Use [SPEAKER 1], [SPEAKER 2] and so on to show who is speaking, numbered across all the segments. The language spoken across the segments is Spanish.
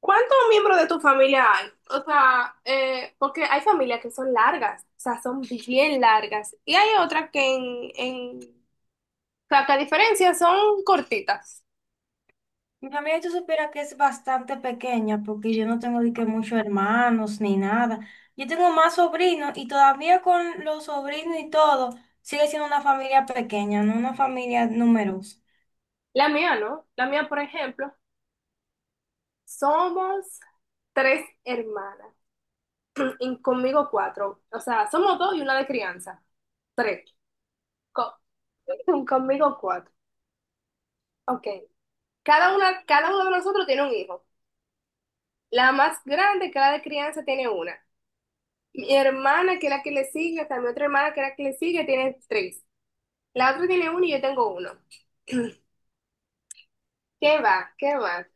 [SPEAKER 1] ¿Cuántos miembros de tu familia hay? O sea, porque hay familias que son largas, o sea, son bien largas. Y hay otras que o sea, que a diferencia son cortitas.
[SPEAKER 2] Mi familia, tú supieras que es bastante pequeña porque yo no tengo de que muchos hermanos ni nada. Yo tengo más sobrinos y todavía con los sobrinos y todo, sigue siendo una familia pequeña, no una familia numerosa.
[SPEAKER 1] La mía, ¿no? La mía, por ejemplo, somos tres hermanas. Y conmigo cuatro. O sea, somos dos y una de crianza. Tres. Co- Conmigo cuatro. Ok. Cada una, cada uno de nosotros tiene un hijo. La más grande, cada de crianza tiene una. Mi hermana, que es la que le sigue, también otra hermana que es la que le sigue, tiene tres. La otra tiene uno y yo tengo uno. ¿Qué va? ¿Qué va?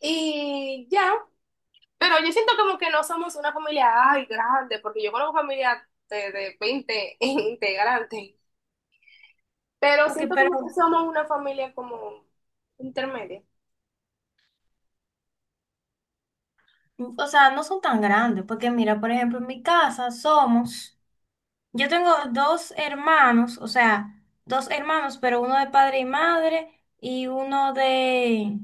[SPEAKER 1] Y ya, pero yo siento como que no somos una familia, ay, grande, porque yo conozco familia de 20 integrantes, pero
[SPEAKER 2] Ok,
[SPEAKER 1] siento como que
[SPEAKER 2] pero,
[SPEAKER 1] somos una familia como intermedia.
[SPEAKER 2] o sea, no son tan grandes porque mira, por ejemplo, en mi casa somos, yo tengo dos hermanos, o sea, dos hermanos, pero uno de padre y madre y uno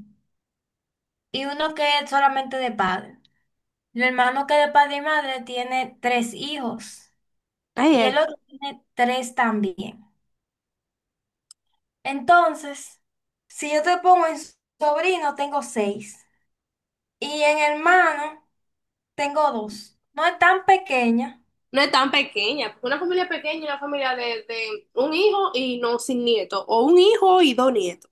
[SPEAKER 2] y uno que es solamente de padre. El hermano que de padre y madre tiene tres hijos
[SPEAKER 1] Ay,
[SPEAKER 2] y el
[SPEAKER 1] ay.
[SPEAKER 2] otro tiene tres también. Entonces, si yo te pongo en sobrino, tengo seis y en hermano tengo dos. No es tan pequeña,
[SPEAKER 1] No es tan pequeña, porque una familia pequeña es una familia de un hijo y no sin nieto, o un hijo y dos nietos.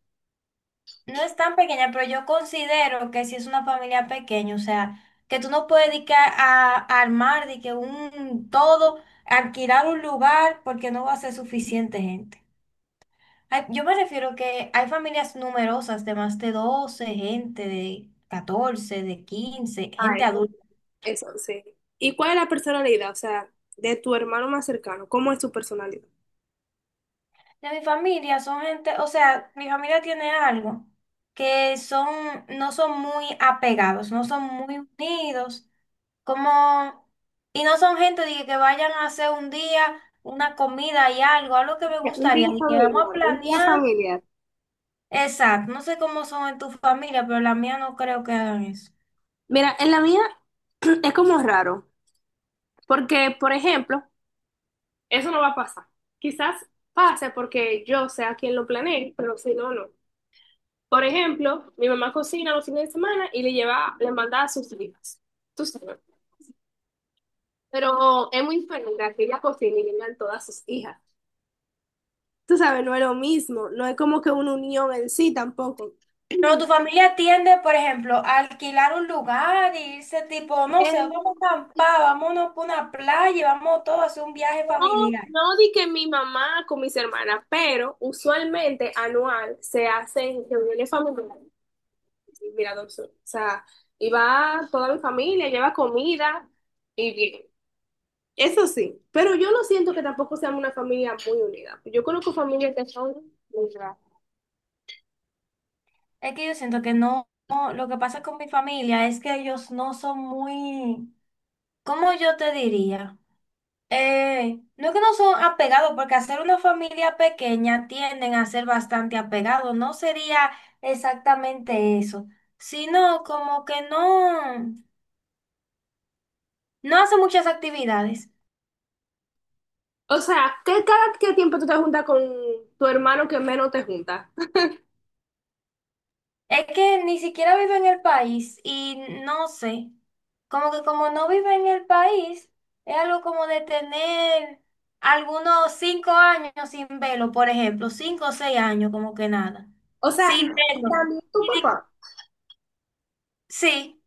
[SPEAKER 2] no es tan pequeña, pero yo considero que si es una familia pequeña, o sea, que tú no puedes dedicar a armar de que un todo, alquilar un lugar porque no va a ser suficiente gente. Ay, yo me refiero que hay familias numerosas de más de 12 gente, de catorce, de 15 gente adulta.
[SPEAKER 1] Eso, sí. ¿Y cuál es la personalidad? O sea, de tu hermano más cercano, ¿cómo es su personalidad?
[SPEAKER 2] De mi familia son gente, o sea, mi familia tiene algo que son, no son muy apegados, no son muy unidos, como, y no son gente de que vayan a hacer un día una comida y algo, algo que me
[SPEAKER 1] Un día
[SPEAKER 2] gustaría, de que vamos a
[SPEAKER 1] familiar, un día
[SPEAKER 2] planear.
[SPEAKER 1] familiar.
[SPEAKER 2] Exacto, no sé cómo son en tu familia, pero la mía no creo que hagan eso.
[SPEAKER 1] Mira, en la mía es como raro, porque, por ejemplo, eso no va a pasar. Quizás pase porque yo sea quien lo planeé, pero si no, no. Por ejemplo, mi mamá cocina los fines de semana y le lleva, le manda a sus hijas. Tú sabes. Pero es muy diferente a que ella cocine y le mandan todas sus hijas. Tú sabes, no es lo mismo, no es como que una unión en sí tampoco.
[SPEAKER 2] Pero tu familia tiende, por ejemplo, a alquilar un lugar y irse tipo, no sé,
[SPEAKER 1] Eh,
[SPEAKER 2] vamos a acampar, vámonos por una playa, y vamos todos a hacer un viaje
[SPEAKER 1] no,
[SPEAKER 2] familiar.
[SPEAKER 1] no di que mi mamá con mis hermanas, pero usualmente anual se hacen reuniones familiares. Y mira, o sea, iba toda mi familia, lleva comida y bien. Eso sí, pero yo no siento que tampoco seamos una familia muy unida. Yo conozco familias que son muy raras.
[SPEAKER 2] Es que yo siento que no, lo que pasa con mi familia es que ellos no son muy, ¿cómo yo te diría? No es que no son apegados, porque hacer una familia pequeña tienden a ser bastante apegados, no sería exactamente eso, sino como que no, no hace muchas actividades.
[SPEAKER 1] O sea, ¿qué cada qué tiempo tú te juntas con tu hermano que menos te juntas?
[SPEAKER 2] Es que ni siquiera vive en el país y no sé, como que como no vive en el país, es algo como de tener algunos cinco años sin verlo, por ejemplo, cinco o seis años, como que nada,
[SPEAKER 1] O sea, y
[SPEAKER 2] sin verlo.
[SPEAKER 1] también tu
[SPEAKER 2] Y
[SPEAKER 1] papá.
[SPEAKER 2] sí.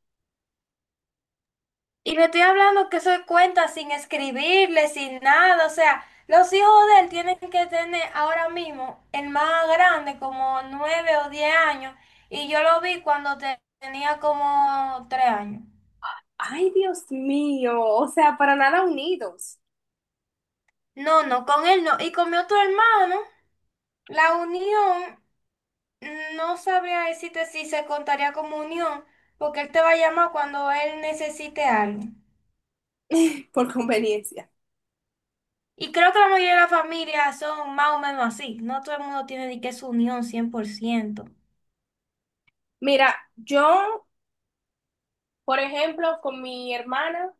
[SPEAKER 2] Y le estoy hablando que soy cuenta sin escribirle, sin nada. O sea, los hijos de él tienen que tener ahora mismo el más grande, como nueve o diez años. Y yo lo vi cuando tenía como tres años.
[SPEAKER 1] Ay, Dios mío, o sea, para nada unidos.
[SPEAKER 2] No, no, con él no. Y con mi otro hermano, la unión, no sabría decirte si se contaría como unión, porque él te va a llamar cuando él necesite algo.
[SPEAKER 1] Por conveniencia.
[SPEAKER 2] Y creo que la mayoría de las familias son más o menos así. No todo el mundo tiene ni que su unión 100%.
[SPEAKER 1] Mira, yo, por ejemplo, con mi hermana,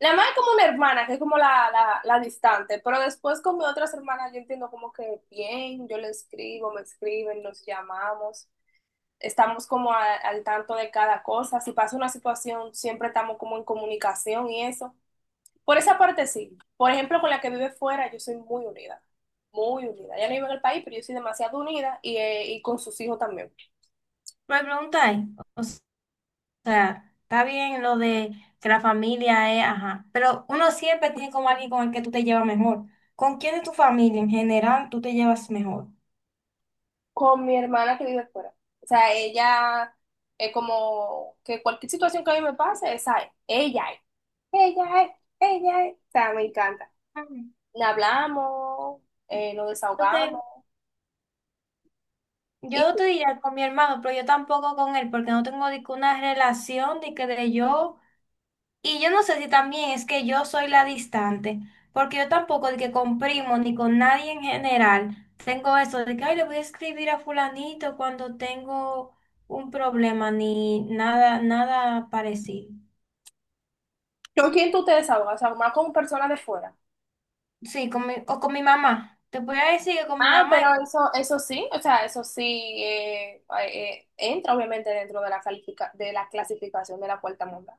[SPEAKER 1] la más como una hermana, que es como la distante, pero después con mis otras hermanas yo entiendo como que bien, yo le escribo, me escriben, nos llamamos, estamos como al tanto de cada cosa, si pasa una situación, siempre estamos como en comunicación y eso. Por esa parte sí. Por ejemplo, con la que vive fuera, yo soy muy unida, muy unida. Ella no vive en el país, pero yo soy demasiado unida y con sus hijos también.
[SPEAKER 2] Pero me preguntáis, o sea, está bien lo de que la familia es, ajá, pero uno siempre tiene como alguien con el que tú te llevas mejor. ¿Con quién de tu familia en general tú te llevas mejor?
[SPEAKER 1] Con mi hermana que vive fuera. O sea, ella es como que cualquier situación que a mí me pase, esa es, ella es, ella es, ella es. O sea, me encanta.
[SPEAKER 2] Ujú.
[SPEAKER 1] Hablamos, nos
[SPEAKER 2] Ok,
[SPEAKER 1] desahogamos. ¿Y
[SPEAKER 2] yo
[SPEAKER 1] tú?
[SPEAKER 2] te diría con mi hermano, pero yo tampoco con él, porque no tengo ni que una relación de que de yo. Y yo no sé si también es que yo soy la distante, porque yo tampoco de que con primo ni con nadie en general tengo eso de que ay, le voy a escribir a fulanito cuando tengo un problema ni nada, nada parecido.
[SPEAKER 1] ¿Con quién tú te desahogas? O sea, más con personas de fuera.
[SPEAKER 2] Sí, con mi, o con mi mamá. Te voy a decir que con mi
[SPEAKER 1] Ah,
[SPEAKER 2] mamá,
[SPEAKER 1] pero eso sí, o sea, eso sí entra obviamente dentro de la de la clasificación de la puerta mondada.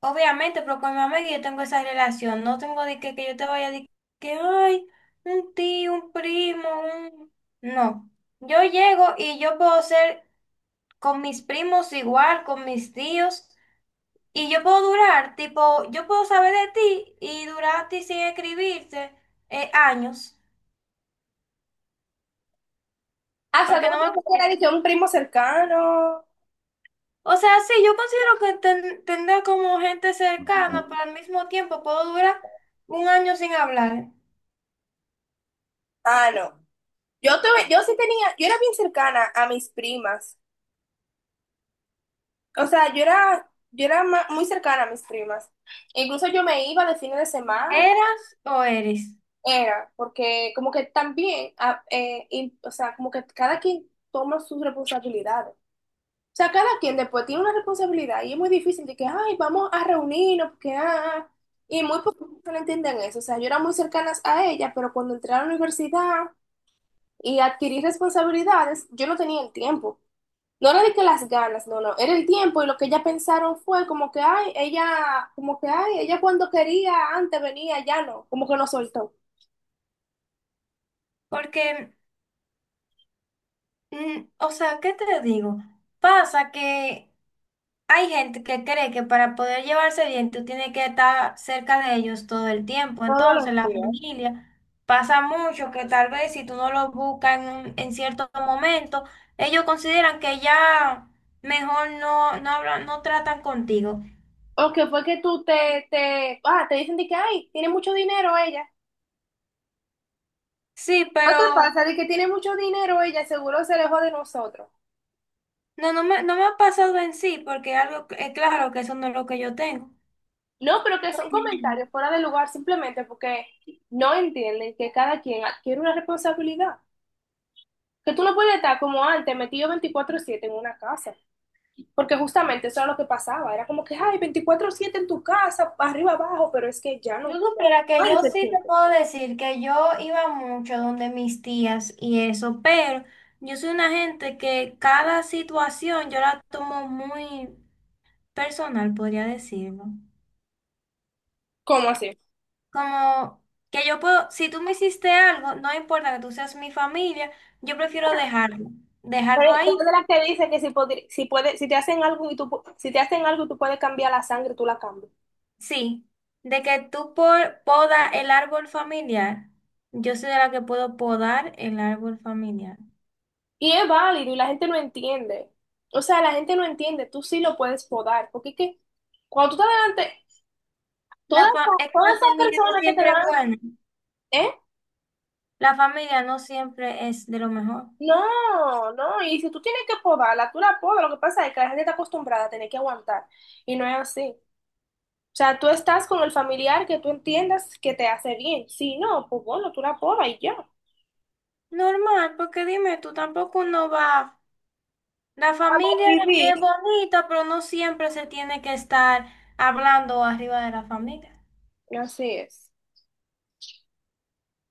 [SPEAKER 2] obviamente, pero con mi mamá es que yo tengo esa relación. No tengo de que yo te vaya a decir que ay, un tío, un primo, un... No. Yo llego y yo puedo ser con mis primos igual, con mis tíos, y yo puedo durar, tipo, yo puedo saber de ti y durar a ti sin escribirte años,
[SPEAKER 1] Ah, o sea, tú
[SPEAKER 2] porque
[SPEAKER 1] no
[SPEAKER 2] no me
[SPEAKER 1] tienes que ir a decir,
[SPEAKER 2] parece.
[SPEAKER 1] un primo cercano.
[SPEAKER 2] O sea, sí, yo considero que tendré como gente cercana, pero al mismo tiempo puedo durar un año sin hablar.
[SPEAKER 1] Ah, no. Yo, tuve, yo sí tenía, yo era bien cercana a mis primas. O sea, yo era muy cercana a mis primas. Incluso yo me iba de fines de semana,
[SPEAKER 2] ¿Eras o eres?
[SPEAKER 1] era, porque como que también, o sea, como que cada quien toma sus responsabilidades. O sea, cada quien después tiene una responsabilidad y es muy difícil de que, ay, vamos a reunirnos, porque, ah, ah". Y muy pocos no entienden eso. O sea, yo era muy cercana a ella, pero cuando entré a la universidad y adquirí responsabilidades, yo no tenía el tiempo. No era de que las ganas, no, no, era el tiempo y lo que ella pensaron fue como que, ay, ella, como que, ay, ella cuando quería antes venía, ya no, como que no soltó.
[SPEAKER 2] Porque, o sea, ¿qué te digo? Pasa que hay gente que cree que para poder llevarse bien tú tienes que estar cerca de ellos todo el tiempo.
[SPEAKER 1] Todos
[SPEAKER 2] Entonces,
[SPEAKER 1] los
[SPEAKER 2] la
[SPEAKER 1] días.
[SPEAKER 2] familia pasa mucho que tal vez si tú no los buscas en, en cierto momento, ellos consideran que ya mejor no, no hablan, no tratan contigo.
[SPEAKER 1] O que fue que tú te dicen de que, ay, tiene mucho dinero ella.
[SPEAKER 2] Sí,
[SPEAKER 1] ¿No te
[SPEAKER 2] pero
[SPEAKER 1] pasa de que tiene mucho dinero ella? Seguro se alejó de nosotros.
[SPEAKER 2] no me ha pasado en sí, porque algo, es claro que eso no es lo que yo tengo.
[SPEAKER 1] No, pero que son comentarios fuera de lugar simplemente porque no entienden que cada quien adquiere una responsabilidad. Que tú no puedes estar como antes, metido 24/7 en una casa. Porque justamente eso era lo que pasaba, era como que, ay, 24/7 en tu casa, arriba, abajo, pero es que ya
[SPEAKER 2] Si
[SPEAKER 1] no,
[SPEAKER 2] tú
[SPEAKER 1] ya no
[SPEAKER 2] supieras que
[SPEAKER 1] hay
[SPEAKER 2] yo
[SPEAKER 1] ese
[SPEAKER 2] sí te
[SPEAKER 1] tiempo.
[SPEAKER 2] puedo decir que yo iba mucho donde mis tías y eso, pero yo soy una gente que cada situación yo la tomo muy personal, podría decirlo.
[SPEAKER 1] ¿Cómo así?
[SPEAKER 2] Como que yo puedo, si tú me hiciste algo, no importa que tú seas mi familia, yo prefiero
[SPEAKER 1] Pero
[SPEAKER 2] dejarlo
[SPEAKER 1] tú eres
[SPEAKER 2] ahí.
[SPEAKER 1] de las que dice que si, podri- si, puede, si te hacen algo y tú, pu- si te hacen algo y tú puedes cambiar la sangre, tú la cambias.
[SPEAKER 2] Sí, de que tú por, poda el árbol familiar, yo soy de la que puedo podar el árbol familiar.
[SPEAKER 1] Y es válido y la gente no entiende. O sea, la gente no entiende, tú sí lo puedes podar, porque es que cuando tú estás delante,
[SPEAKER 2] Es que
[SPEAKER 1] todas
[SPEAKER 2] la
[SPEAKER 1] esas
[SPEAKER 2] familia no
[SPEAKER 1] personas que te
[SPEAKER 2] siempre es
[SPEAKER 1] dan,
[SPEAKER 2] buena.
[SPEAKER 1] ¿eh?
[SPEAKER 2] La familia no siempre es de lo mejor.
[SPEAKER 1] No, no, y si tú tienes que podarla, tú la podas, lo que pasa es que la gente está acostumbrada a tener que aguantar, y no es así. O sea, tú estás con el familiar que tú entiendas que te hace bien. Si no, pues bueno, tú la podas y ya.
[SPEAKER 2] Normal, porque dime, tú tampoco no vas. La familia
[SPEAKER 1] Vivir.
[SPEAKER 2] es bonita, pero no siempre se tiene que estar hablando arriba de la familia.
[SPEAKER 1] Así es.